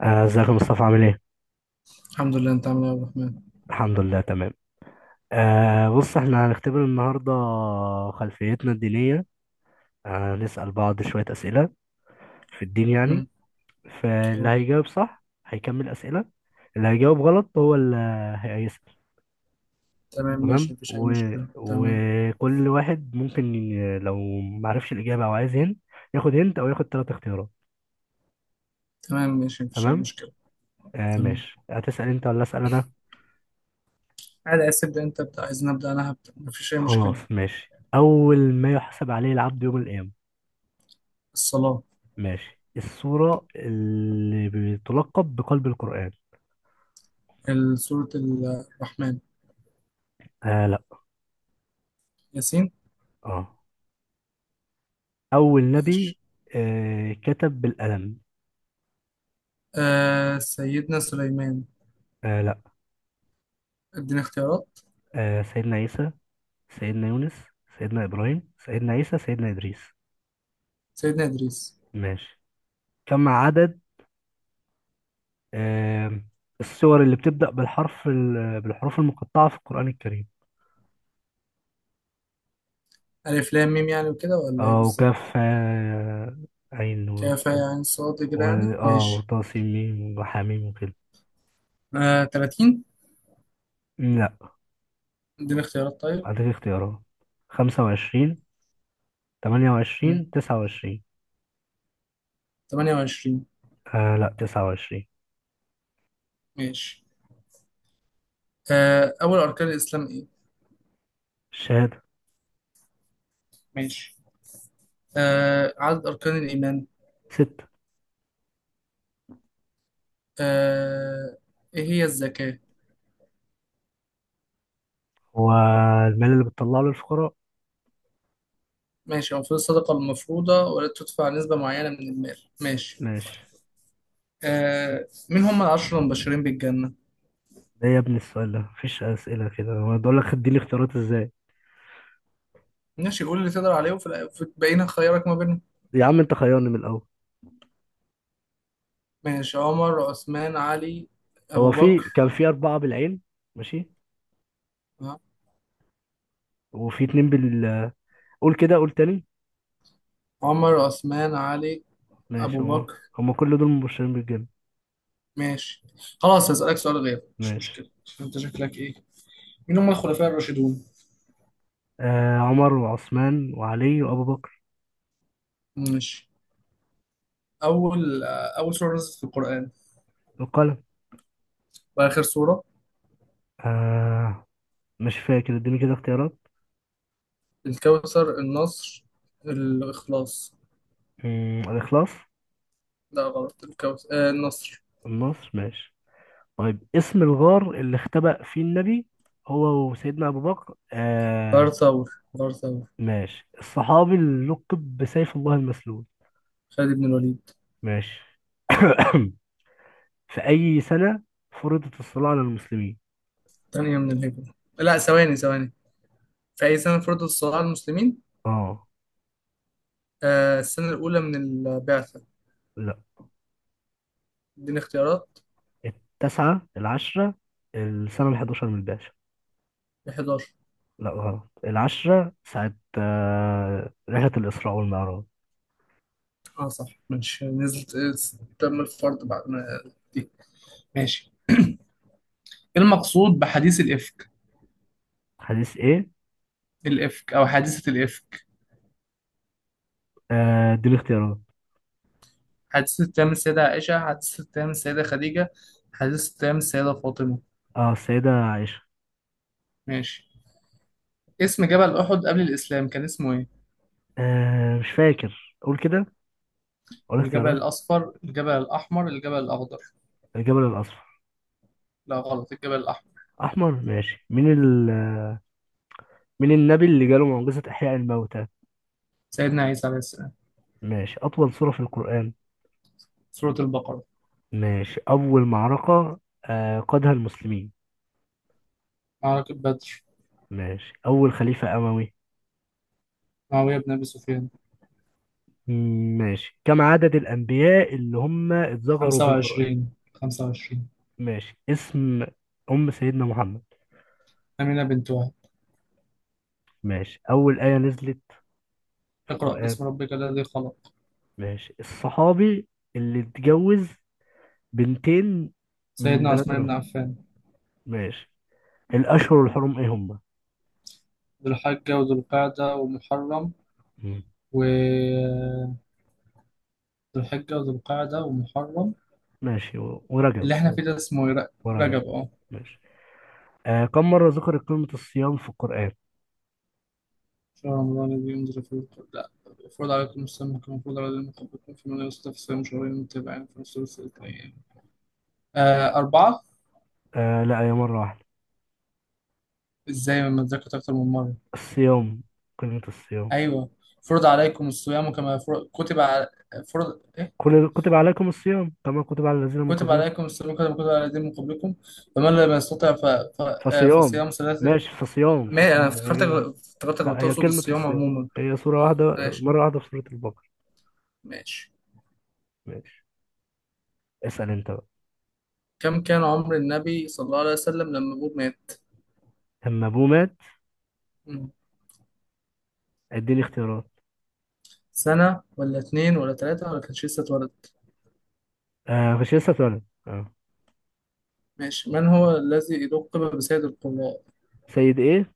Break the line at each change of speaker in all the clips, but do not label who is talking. آه، ازيك يا مصطفى عامل ايه؟
الحمد لله، انت عامل ايه يا عبد الرحمن؟
الحمد لله تمام. بص احنا هنختبر النهارده خلفيتنا الدينية. نسأل بعض شوية أسئلة في الدين يعني.
مم.
فاللي
اه.
هيجاوب صح هيكمل أسئلة، اللي هيجاوب غلط هو اللي هيسأل.
تمام، ماشي،
تمام
مفيش اي مشكله. تمام.
وكل واحد ممكن لو معرفش الإجابة أو عايز هنت، ياخد هنت أو ياخد تلات اختيارات.
تمام ماشي، مفيش اي
تمام؟
مشكله. تمام،
ماشي، هتسأل أنت ولا أسأل أنا؟
عادي، عايز تبدا انت ابدا، عايز نبدا انا هبدا، مفيش اي مشكله.
خلاص ماشي. أول ما يحسب عليه العبد يوم القيامة.
الصلاه.
ماشي. السورة اللي بتلقب بقلب القرآن.
ال- سوره ال- الرحمن
آه لا.
ياسين.
اه. أول نبي
ماشي.
كتب بالقلم.
سيدنا سليمان.
آه لا.
اديني اختيارات.
سيدنا عيسى، سيدنا يونس، سيدنا إبراهيم، سيدنا عيسى، سيدنا إدريس.
سيدنا ادريس.
ماشي. كم عدد آه السور اللي بتبدأ بالحرف بالحروف المقطعة في القرآن الكريم؟
الف لام ميم يعني وكده ولا ايه
اه وكاف
بالظبط؟
عين
كافه
وسط،
يعني صاد كده
و
يعني، ماشي.
وطاسيم ميم وحميم وكده.
30.
لا.
اديني اختيارات طيب.
هديك اختيارات: 25، تمانية
مم.
وعشرين 29.
28.
لا، 29.
ماشي. اول اركان الاسلام ايه؟
الشهادة.
ماشي. عدد أركان الإيمان؟
ستة.
آه، إيه هي الزكاة؟
هو المال اللي بتطلعه للفقراء.
ماشي، أو في الصدقة المفروضة، ولا تدفع نسبة معينة من المال؟ ماشي.
ماشي.
مين هم العشرة المبشرين بالجنة؟
ده يا ابني، السؤال ده مفيش أسئلة كده، أنا بقول لك اديني اختيارات ازاي؟
ماشي، قول اللي تقدر عليه، وفي في بقينا خيارك ما بينهم.
يا عم انت خيرني من الأول.
ماشي، عمر عثمان علي أبو
هو في
بكر.
كان في أربعة بالعين. ماشي.
آه.
وفي اتنين بال. قول كده، قول تاني.
عمر عثمان علي
ماشي،
أبو
هما
بكر.
هما كل دول مبشرين بالجنة.
ماشي. خلاص هسألك سؤال غير، مش
ماشي.
مشكلة. أنت شكلك إيه؟ مين هم الخلفاء الراشدون؟
عمر وعثمان وعلي وأبو بكر.
ماشي. أول أول سورة نزلت في القرآن؟
القلم.
وآخر سورة؟
آه مش فاكر، اديني كده اختيارات.
الكوثر، النصر، الإخلاص.
الإخلاص.
لا غلط، الكوثر، آه، النصر.
النصر ماشي. طيب، اسم الغار اللي اختبأ فيه النبي هو وسيدنا أبو بكر
غرثور غرثور.
ماشي. الصحابي اللي لقب بسيف الله المسلول.
خالد بن الوليد.
ماشي. في أي سنة فرضت الصلاة على المسلمين؟
تانية من الهجرة، لا ثواني ثواني، في أي سنة فرض الصلاة على المسلمين؟
اه.
السنة الأولى من البعثة.
لا.
اديني اختيارات.
التسعة العشرة، السنة الحداشر من الباشا.
11.
لا غلط، العشرة ساعة رحلة الإسراء والمعراج.
اه صح، ماشي، نزلت تم الفرض بعد ما دي. ماشي. ايه المقصود بحديث الإفك؟
حديث ايه؟
الإفك، أو حادثة الإفك.
دي الاختيارات.
حادثة أيام السيدة عائشة، حادثة أيام السيدة خديجة، حادثة أيام السيدة فاطمة.
اه السيدة عائشة.
ماشي. اسم جبل أحد قبل الإسلام كان اسمه إيه؟
مش فاكر، قول كده، قول
الجبل
اختيارات.
الأصفر، الجبل الأحمر، الجبل الأخضر.
الجبل الأصفر.
لا غلط، الجبل الأحمر.
احمر ماشي. مين النبي اللي جاله معجزة احياء الموتى؟
سيدنا عيسى عليه السلام.
ماشي. اطول سورة في القرآن.
سورة البقرة.
ماشي. اول معركة قادها المسلمين.
معركة بدر.
ماشي. اول خليفة اموي.
معاوية بن أبي سفيان.
ماشي. كم عدد الانبياء اللي هم اتذكروا في القرآن؟
25، 25.
ماشي. اسم ام سيدنا محمد.
أمينة بنت وهب.
ماشي. اول آية نزلت في
اقرأ
القرآن.
باسم ربك الذي خلق.
ماشي. الصحابي اللي اتجوز بنتين من
سيدنا
بنات
عثمان بن
الرسول.
عفان.
ماشي. الاشهر الحرم ايه؟
ذو الحجة وذو القعدة ومحرم،
هم.
و، ذو الحجة وذو القعدة ومحرم.
ماشي ورجب
اللي إحنا فيه
ماشي.
ده اسمه إيه؟
ورجب
رجب أه.
ماشي. كم مرة ذكرت كلمة الصيام في القرآن؟
شهر رمضان الذي أنزل فيه القرآن، لا، المفروض عليكم الصيام كما فرض على الذين من قبلكم، فمن يستطع فصيام شهرين متابعين في ثلث الأيام. أربعة.
آه لا، هي مرة واحدة.
إزاي ما اتذكرت أكتر من مرة؟
الصيام كلمة الصيام.
أيوه، فرض عليكم الصيام كما كتب على، فرض إيه،
كتب عليكم الصيام كما كتب على الذين من
كتب
قبلكم.
عليكم الصيام كما كتب على الذين من قبلكم، فمن لم يستطع آه،
فصيام.
فصيام ثلاثة.
ماشي. فصيام
ما أنا
فصيام هي.
افتكرتك
جاية-
افتكرتك
لا، هي
بتقصد
كلمة
الصيام
الصيام،
عموما.
هي سورة واحدة،
ماشي.
مرة واحدة في سورة البقرة.
ماشي.
ماشي. اسأل انت بقى.
كم كان عمر النبي صلى الله عليه وسلم لما هو مات؟
لما أبوه مات، اديني اختيارات.
سنة ولا اتنين ولا تلاتة ولا كانش لسه اتولد؟
مش لسه اتولد.
ماشي. من هو الذي لقب بسيد القراء؟
سيد ايه؟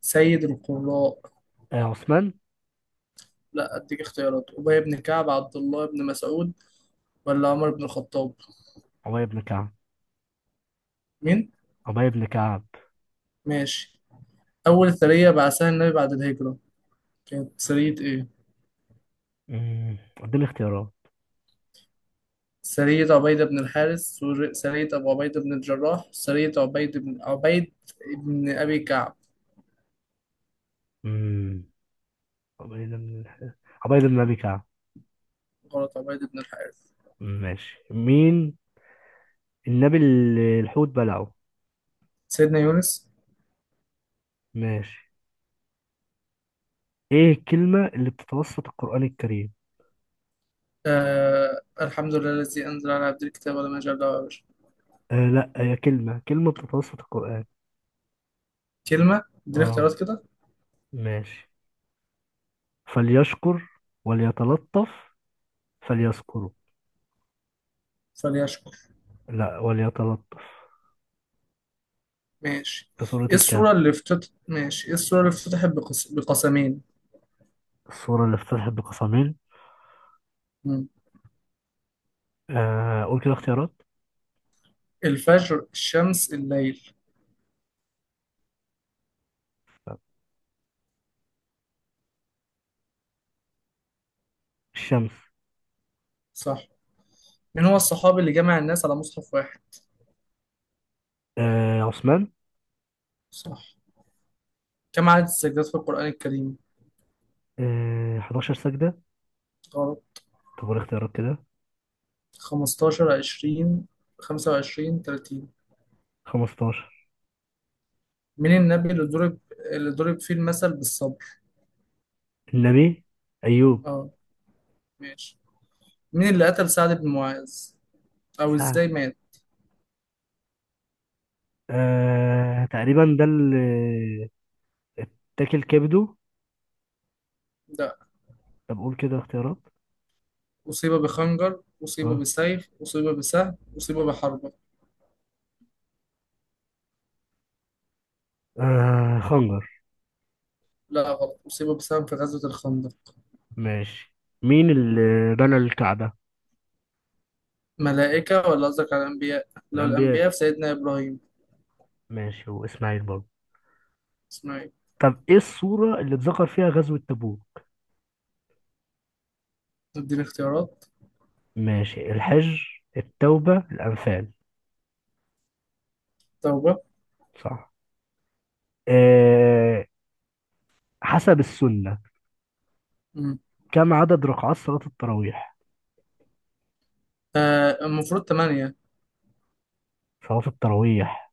سيد القراء؟
عثمان.
لا أديك اختيارات. أبي بن كعب، عبد الله بن مسعود، ولا عمر بن الخطاب؟
عبيد بن كعب.
مين؟
عبيد بن كعب.
ماشي. أول سرية بعثها النبي بعد الهجرة كانت سرية إيه؟
اديني اختيارات.
سرية عبيدة بن الحارث، سرية أبو عبيدة بن الجراح، سرية عبيد بن عبيد بن أبي كعب.
امم قبيلة من الح... قبيلة من أبي كعب.
غلط، عبيد بن الحارث.
ماشي. مين النبي اللي الحوت بلعه؟
سيدنا يونس.
ماشي. ايه الكلمة اللي بتتوسط القرآن الكريم؟
آه، الحمد لله الذي أنزل على عبد الكتاب ولم يجعل له عوجا.
آه لا، هي كلمة بتتوسط القرآن.
كلمة، اديني
اه
اختيارات كده.
ماشي. فليشكر، وليتلطف، فليذكره.
فليشكر.
لا، وليتلطف.
ماشي.
في سورة
ايه الصورة اللي
الكهف.
افتتحت، ماشي، ايه الصورة اللي افتتحت بقسمين؟
السورة اللي افتتحت بقسمين.
مم.
قول كده اختيارات.
الفجر، الشمس، الليل.
الشمس.
صح. مين هو الصحابي اللي جمع الناس على مصحف واحد؟
عثمان.
صح. كم عدد السجدات في القرآن الكريم؟
11 سجدة.
غلط.
طب والاختيارات كده؟
15، 20، 25، 30.
15.
مين النبي اللي ضرب، اللي ضرب فيه المثل بالصبر؟
النبي أيوب.
اه. ماشي. مين اللي قتل سعد بن معاذ، او
سعد
ازاي مات؟
تقريبا ده اللي اتاكل كبده.
ده
طب قول كده اختيارات.
أصيب بخنجر، أصيب
اه,
بسيف، أصيب بسهم، أصيب بحربة.
خنجر.
لا غلط، أصيب بسهم في غزوة الخندق.
ماشي. مين اللي بنى الكعبة؟
ملائكة ولا قصدك على الأنبياء؟ لو
الأنبياء.
الأنبياء في سيدنا إبراهيم.
ماشي وإسماعيل برضه.
إسماعيل.
طب إيه السورة اللي اتذكر فيها غزوة تبوك؟
اديني اختيارات.
ماشي. الحج، التوبة، الأنفال.
توبة.
صح. آه حسب السنة.
مم.
كم عدد ركعات صلاة التراويح؟
المفروض تمانية.
صلاة التراويح.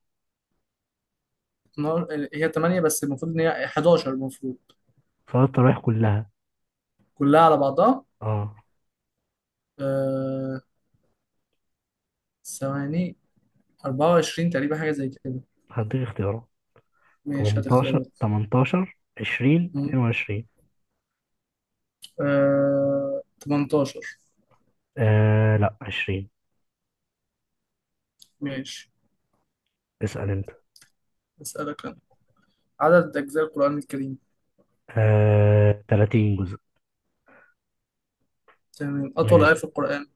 نار- هي تمانية، بس المفروض إن هي 11 المفروض.
صلاة التراويح كلها.
كلها على بعضها.
اه.
آه. ثواني. 24 تقريبا، حاجة زي كده.
هديك اختيارات:
ماشي، هات
18،
اختيارات.
18، 20،
مم.
22.
18.
لا، 20.
ماشي.
اسأل انت.
أسألك أنا. عدد أجزاء القرآن الكريم؟
30 جزء.
تمام. أطول آية
ماشي.
في القرآن؟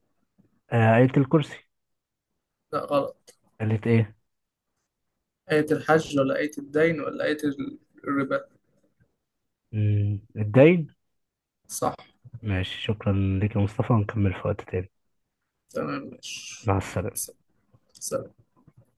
آية الكرسي.
لا غلط.
قالت ايه؟
آية الحج ولا آية الدين ولا آية الربا؟
الدين.
صح.
ماشي. شكرا لك يا مصطفى، ونكمل في وقت تاني.
تمام ماشي.
مع السلامة.
س- سلام.